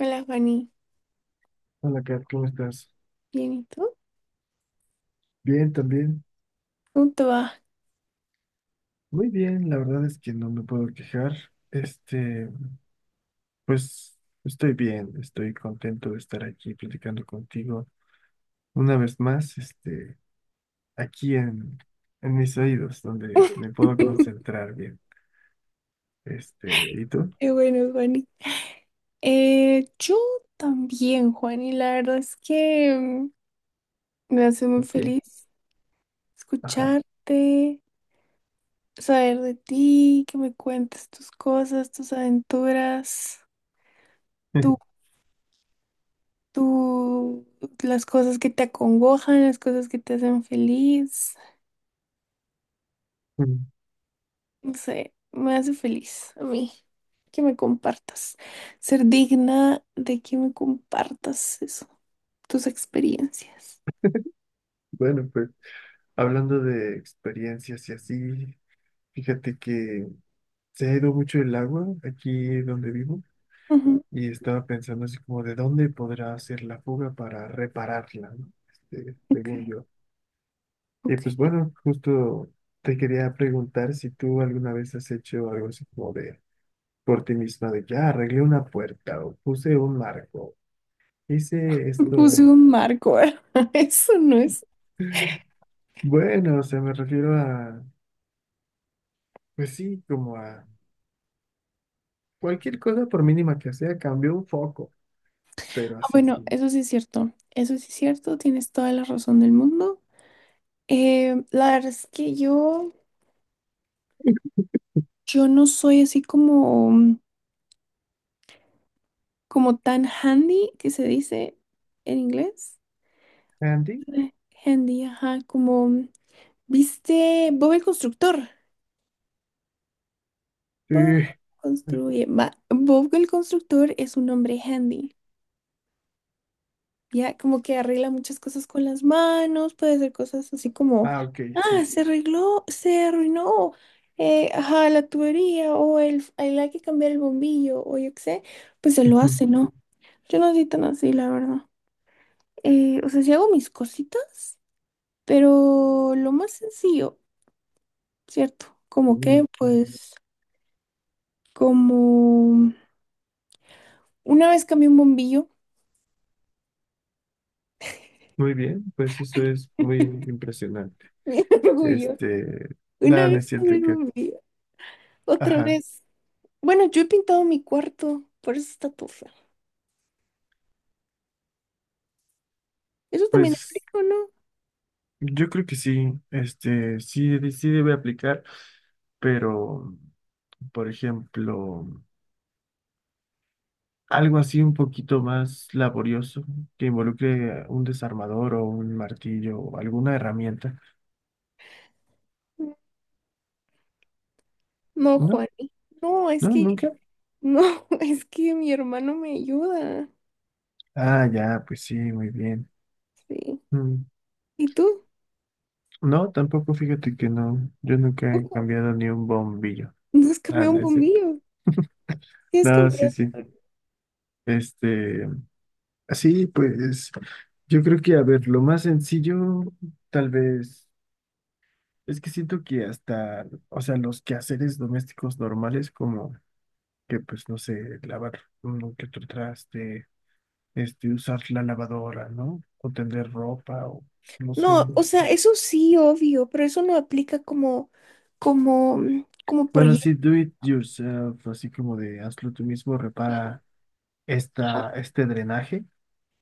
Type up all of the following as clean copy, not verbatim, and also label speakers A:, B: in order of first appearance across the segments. A: Hola, Fanny.
B: Hola, Kat, ¿cómo estás?
A: Bien, ¿y tú?
B: Bien, también.
A: ¿Cómo te va?
B: Muy bien, la verdad es que no me puedo quejar. Este, pues estoy bien, estoy contento de estar aquí platicando contigo una vez más, aquí en mis oídos, donde me puedo concentrar bien. ¿Y tú?
A: Qué bueno, Juani. Yo también, Juani. La verdad es que me hace muy
B: ¿Y qué?
A: feliz
B: Ajá.
A: escucharte, saber de ti, que me cuentes tus cosas, tus aventuras, tú, tú, las cosas que te acongojan, las cosas que te hacen feliz. No sé, me hace feliz a mí que me compartas, ser digna de que me compartas eso, tus experiencias.
B: Bueno, pues hablando de experiencias y así, fíjate que se ha ido mucho el agua aquí donde vivo.
A: Ujú.
B: Y estaba pensando así como de dónde podrá hacer la fuga para repararla, ¿no? Según
A: Ok,
B: yo. Y pues
A: ok.
B: bueno, justo te quería preguntar si tú alguna vez has hecho algo así como de por ti misma, de ya arreglé una puerta o puse un marco, hice esto.
A: Puse
B: En-
A: un marco, ¿verdad? Eso no es.
B: Bueno, o sea, me refiero a, pues sí, como a cualquier cosa por mínima que sea, cambió un foco, pero
A: Ah,
B: así.
A: bueno, eso sí es cierto. Eso sí es cierto. Tienes toda la razón del mundo. La verdad es que yo no soy así como, como tan handy, que se dice en inglés.
B: ¿Andy?
A: Eh, Handy, ajá, como, ¿viste? Bob el constructor. Bob
B: Sí.
A: construye. Va, Bob el constructor es un hombre handy. Ya como que arregla muchas cosas con las manos, puede hacer cosas así como,
B: Ah, ok,
A: ah,
B: sí.
A: se arregló, se arruinó, ajá, la tubería o el hay que cambiar el bombillo o yo qué sé, pues se lo hace, ¿no? Yo no soy tan así, la verdad. O sea, sí hago mis cositas, pero lo más sencillo, ¿cierto? Como que, pues, como una vez cambié un bombillo,
B: Muy bien, pues eso es muy impresionante.
A: bien orgullo,
B: Este,
A: una
B: nada, no es
A: vez
B: cierto
A: cambié
B: que,
A: un bombillo, otra
B: ajá,
A: vez. Bueno, yo he pintado mi cuarto, por eso está todo feo. Eso también
B: pues
A: aplica, ¿o no?
B: yo creo que sí, sí, sí debe aplicar, pero, por ejemplo, algo así un poquito más laborioso que involucre un desarmador o un martillo o alguna herramienta.
A: No,
B: No,
A: Juani. No, es
B: no,
A: que,
B: nunca.
A: no, es que mi hermano me ayuda.
B: Ah, ya, pues sí, muy bien.
A: Sí.
B: Mm,
A: ¿Y tú?
B: no, tampoco, fíjate que no, yo nunca he
A: Ojo,
B: cambiado ni un bombillo.
A: no has
B: Ah,
A: cambiado un
B: no es cierto.
A: bombillo. Sí, has
B: No, sí,
A: cambiado.
B: sí. Este, así pues yo creo que, a ver, lo más sencillo, tal vez, es que siento que hasta, o sea, los quehaceres domésticos normales, como que, pues, no sé, lavar uno que otro traste, usar la lavadora, ¿no? O tender ropa, o no sé,
A: No, o
B: este.
A: sea, eso sí, obvio, pero eso no aplica como, como, como
B: Bueno,
A: proyecto.
B: sí, do it yourself, así como de hazlo tú mismo, repara este drenaje,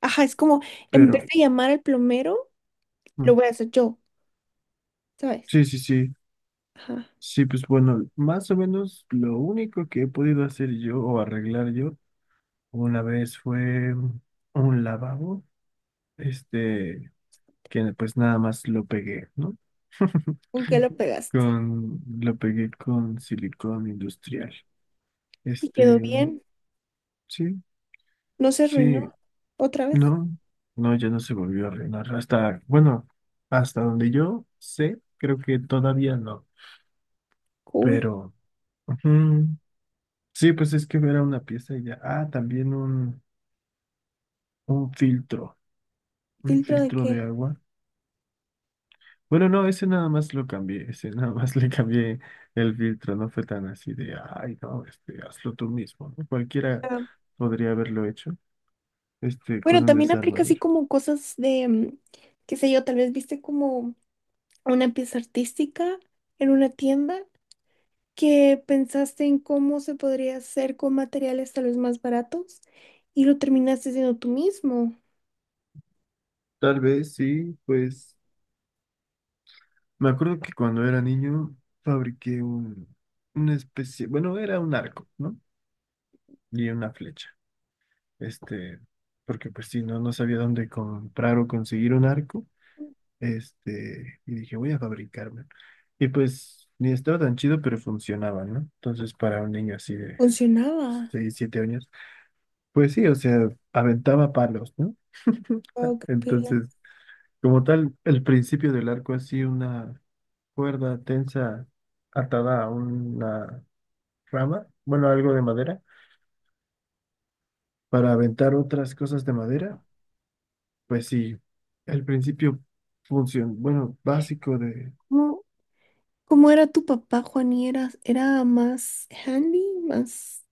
A: Ajá, es como, en vez
B: pero
A: de llamar al plomero,
B: mm,
A: lo voy a hacer yo, ¿sabes?
B: sí.
A: Ajá.
B: Sí, pues bueno, más o menos lo único que he podido hacer yo o arreglar yo una vez fue un lavabo, este, que pues nada más lo pegué, ¿no?
A: ¿Con qué lo pegaste?
B: Lo pegué con silicón industrial.
A: ¿Y quedó
B: Este,
A: bien?
B: sí,
A: ¿No se arruinó
B: sí,
A: otra vez?
B: no, no, ya no se volvió a arreglar. Hasta, bueno, hasta donde yo sé, creo que todavía no,
A: Cool.
B: pero ujú, sí, pues es que era una pieza y ya. Ah, también un filtro, un
A: ¿Filtro de
B: filtro
A: qué?
B: de agua. Bueno, no, ese nada más lo cambié, ese nada más le cambié el filtro, no fue tan así de, ay, no, hazlo tú mismo, ¿no? Cualquiera
A: Ah,
B: podría haberlo hecho, con
A: bueno,
B: un
A: también aplica así
B: desarmador.
A: como cosas de, qué sé yo, tal vez viste como una pieza artística en una tienda que pensaste en cómo se podría hacer con materiales tal vez más baratos y lo terminaste haciendo tú mismo.
B: Tal vez sí, pues me acuerdo que cuando era niño fabriqué una especie, bueno, era un arco, ¿no? Y una flecha, este, porque pues sí, no sabía dónde comprar o conseguir un arco. Y dije, voy a fabricarme. Y pues ni estaba tan chido, pero funcionaba, ¿no? Entonces, para un niño así de
A: Funcionaba.
B: 6 7 años, pues sí, o sea, aventaba palos, ¿no?
A: Wow, qué pila.
B: Entonces, como tal, el principio del arco así, una cuerda tensa atada a una rama, bueno, algo de madera, para aventar otras cosas de madera, pues sí, el principio función, bueno, básico de
A: ¿Cómo- ¿Cómo era tu papá, Juani? ¿Era, era más handy, más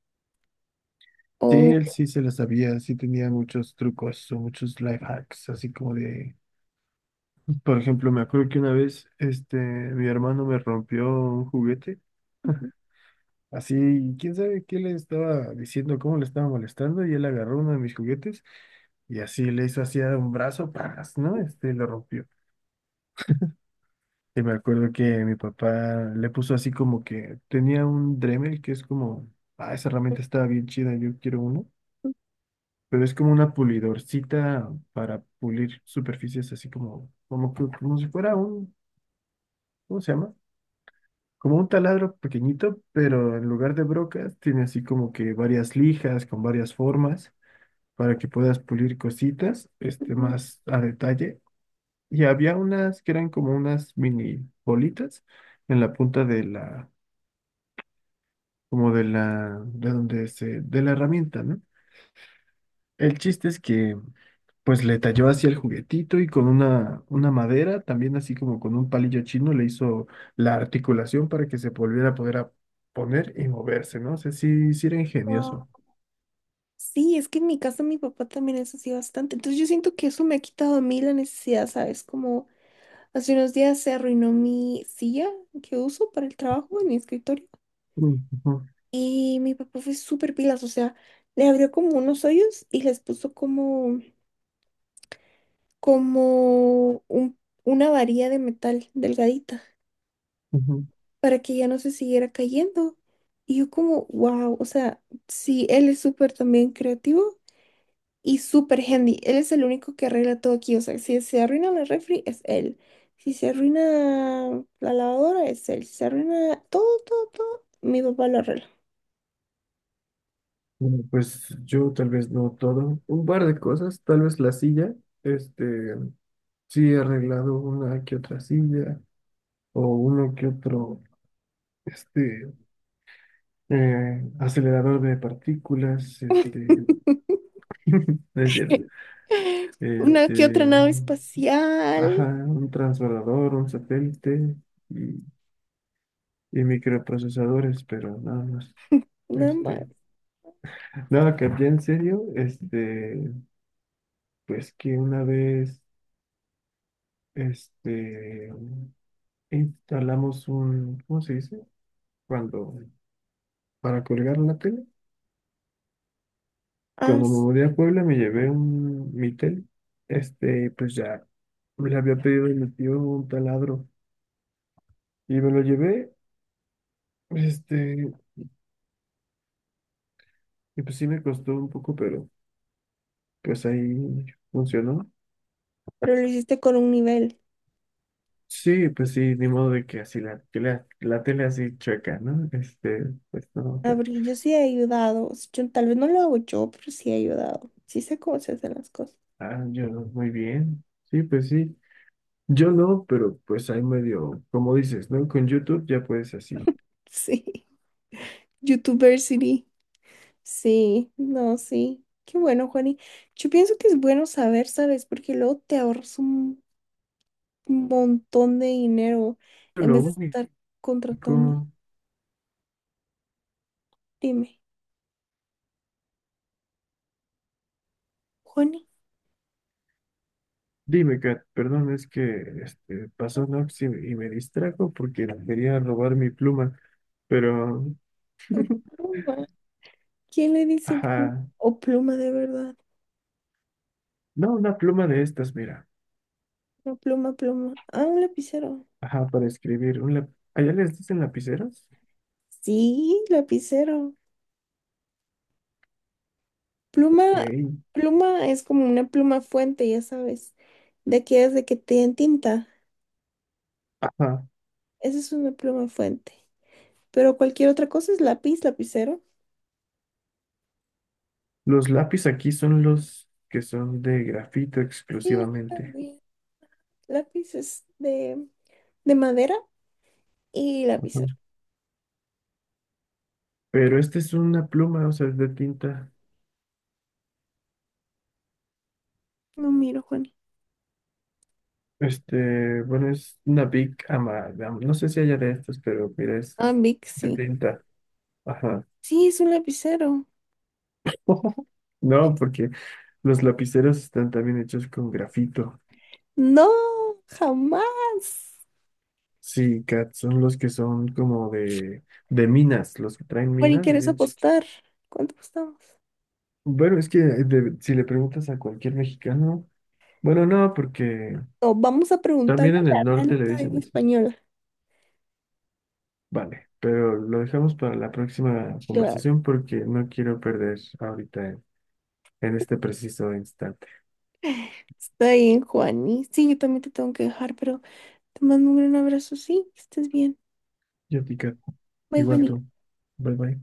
B: sí, él
A: o
B: sí se lo sabía, sí tenía muchos trucos o muchos life hacks, así como de, por ejemplo, me acuerdo que una vez, mi hermano me rompió un juguete, así, quién sabe qué le estaba diciendo, cómo le estaba molestando, y él agarró uno de mis juguetes y así le hizo así a un brazo, ¡paz! ¿No? Lo rompió. Y me acuerdo que mi papá le puso así como que tenía un Dremel que es como, ah, esa herramienta estaba bien chida, yo quiero uno. Pero es como una pulidorcita para pulir superficies así como si fuera un, ¿cómo se llama? Como un taladro pequeñito, pero en lugar de brocas tiene así como que varias lijas con varias formas para que puedas pulir cositas,
A: Ujú.
B: más a detalle. Y había unas que eran como unas mini bolitas en la punta de como de la, de donde se, de la herramienta, ¿no? El chiste es que pues le talló así el juguetito y con una madera, también así como con un palillo chino, le hizo la articulación para que se volviera a poder a poner y moverse, ¿no? O sea, sí, sí era
A: Wow.
B: ingenioso.
A: Sí, es que en mi casa mi papá también es así bastante. Entonces yo siento que eso me ha quitado a mí la necesidad, ¿sabes? Como hace unos días se arruinó mi silla que uso para el trabajo en mi escritorio.
B: Mm, ujú,
A: Y mi papá fue súper pilas, o sea, le abrió como unos hoyos y les puso como, como un- una varilla de metal delgadita,
B: ujú.
A: para que ya no se siguiera cayendo. Y yo como, wow, o sea, sí, él es súper también creativo y súper handy. Él es el único que arregla todo aquí. O sea, si se arruina la refri, es él. Si se arruina la lavadora, es él. Si se arruina todo, todo, todo, mi papá lo arregla.
B: Bueno, pues yo tal vez no todo, un par de cosas, tal vez la silla, este, sí he arreglado una que otra silla o uno que otro, este, acelerador de partículas, no es cierto.
A: Una que otra
B: este,
A: nave
B: ajá,
A: espacial,
B: un transbordador, un satélite y, y microprocesadores, pero nada más.
A: nada más.
B: Este, nada que ya en serio, pues que una vez, este, instalamos un, ¿cómo se dice? Cuando, para colgar la tele.
A: Ah,
B: Cuando me
A: s-
B: mudé a Puebla me llevé mi tele, pues ya le había pedido a mi tío un taladro y me lo llevé, este, y pues sí me costó un poco, pero pues ahí funcionó.
A: pero lo hiciste con un nivel.
B: Sí, pues sí, ni modo de que así la tele así chueca, ¿no? Pues no,
A: Ah,
B: que-
A: porque yo sí he ayudado. Tal vez no lo hago yo, pero sí he ayudado. Sí sé cómo se hacen las cosas.
B: ah, yo no, muy bien. Sí, pues sí. Yo no, pero pues ahí medio, como dices, ¿no? Con YouTube ya puedes así.
A: Sí. YouTubersity. Sí, no, sí. Qué bueno, Juani. Yo pienso que es bueno saber, ¿sabes? Porque luego te ahorras un montón de dinero en
B: Lo
A: vez de
B: único,
A: estar contratando. Dime, Juani,
B: dime, Kat, perdón, es que pasó Nox y me distrajo porque quería robar mi pluma, pero,
A: tu pluma. ¿Quién le dice pluma?
B: ajá,
A: O pluma de verdad.
B: no, una pluma de estas, mira.
A: No, pluma, pluma. Ah, un lapicero.
B: Ajá, para escribir. Un lap- ¿Allá les dicen lapiceros?
A: Sí, lapicero. Pluma,
B: Ey.
A: pluma es como una pluma fuente, ya sabes. De aquellas de que te dan tinta.
B: Ajá.
A: Esa es una pluma fuente. Pero cualquier otra cosa es lápiz, lapicero.
B: Los lápiz aquí son los que son de grafito
A: Sí, aquí
B: exclusivamente.
A: también. Lápiz es de madera y
B: Ajá.
A: lapicero.
B: Pero este es una pluma, o sea, es de tinta.
A: No miro, Juani.
B: Bueno, es una big ama, am- no sé si haya de estos, pero mira, es
A: Ah, Vic,
B: de
A: sí.
B: tinta. Ajá.
A: Sí, es un lapicero.
B: No, porque los lapiceros están también hechos con grafito.
A: No, jamás.
B: Sí, Kat, son los que son como de minas, los que traen
A: Bueno, ¿y
B: minas.
A: quieres apostar? ¿Cuánto apostamos?
B: Bueno, es que si le preguntas a cualquier mexicano, bueno, no, porque
A: No, vamos a preguntarle
B: también
A: a
B: en el
A: la
B: norte
A: Real
B: le dicen
A: Academia
B: eso.
A: Española.
B: Vale, pero lo dejamos para la próxima
A: Claro,
B: conversación porque no quiero perder ahorita en este preciso instante.
A: está bien, Juani. Sí, yo también te tengo que dejar, pero te mando un gran abrazo, sí, que estés bien.
B: Yo, Tica,
A: Bye,
B: igual
A: Juani.
B: tú. Bye bye.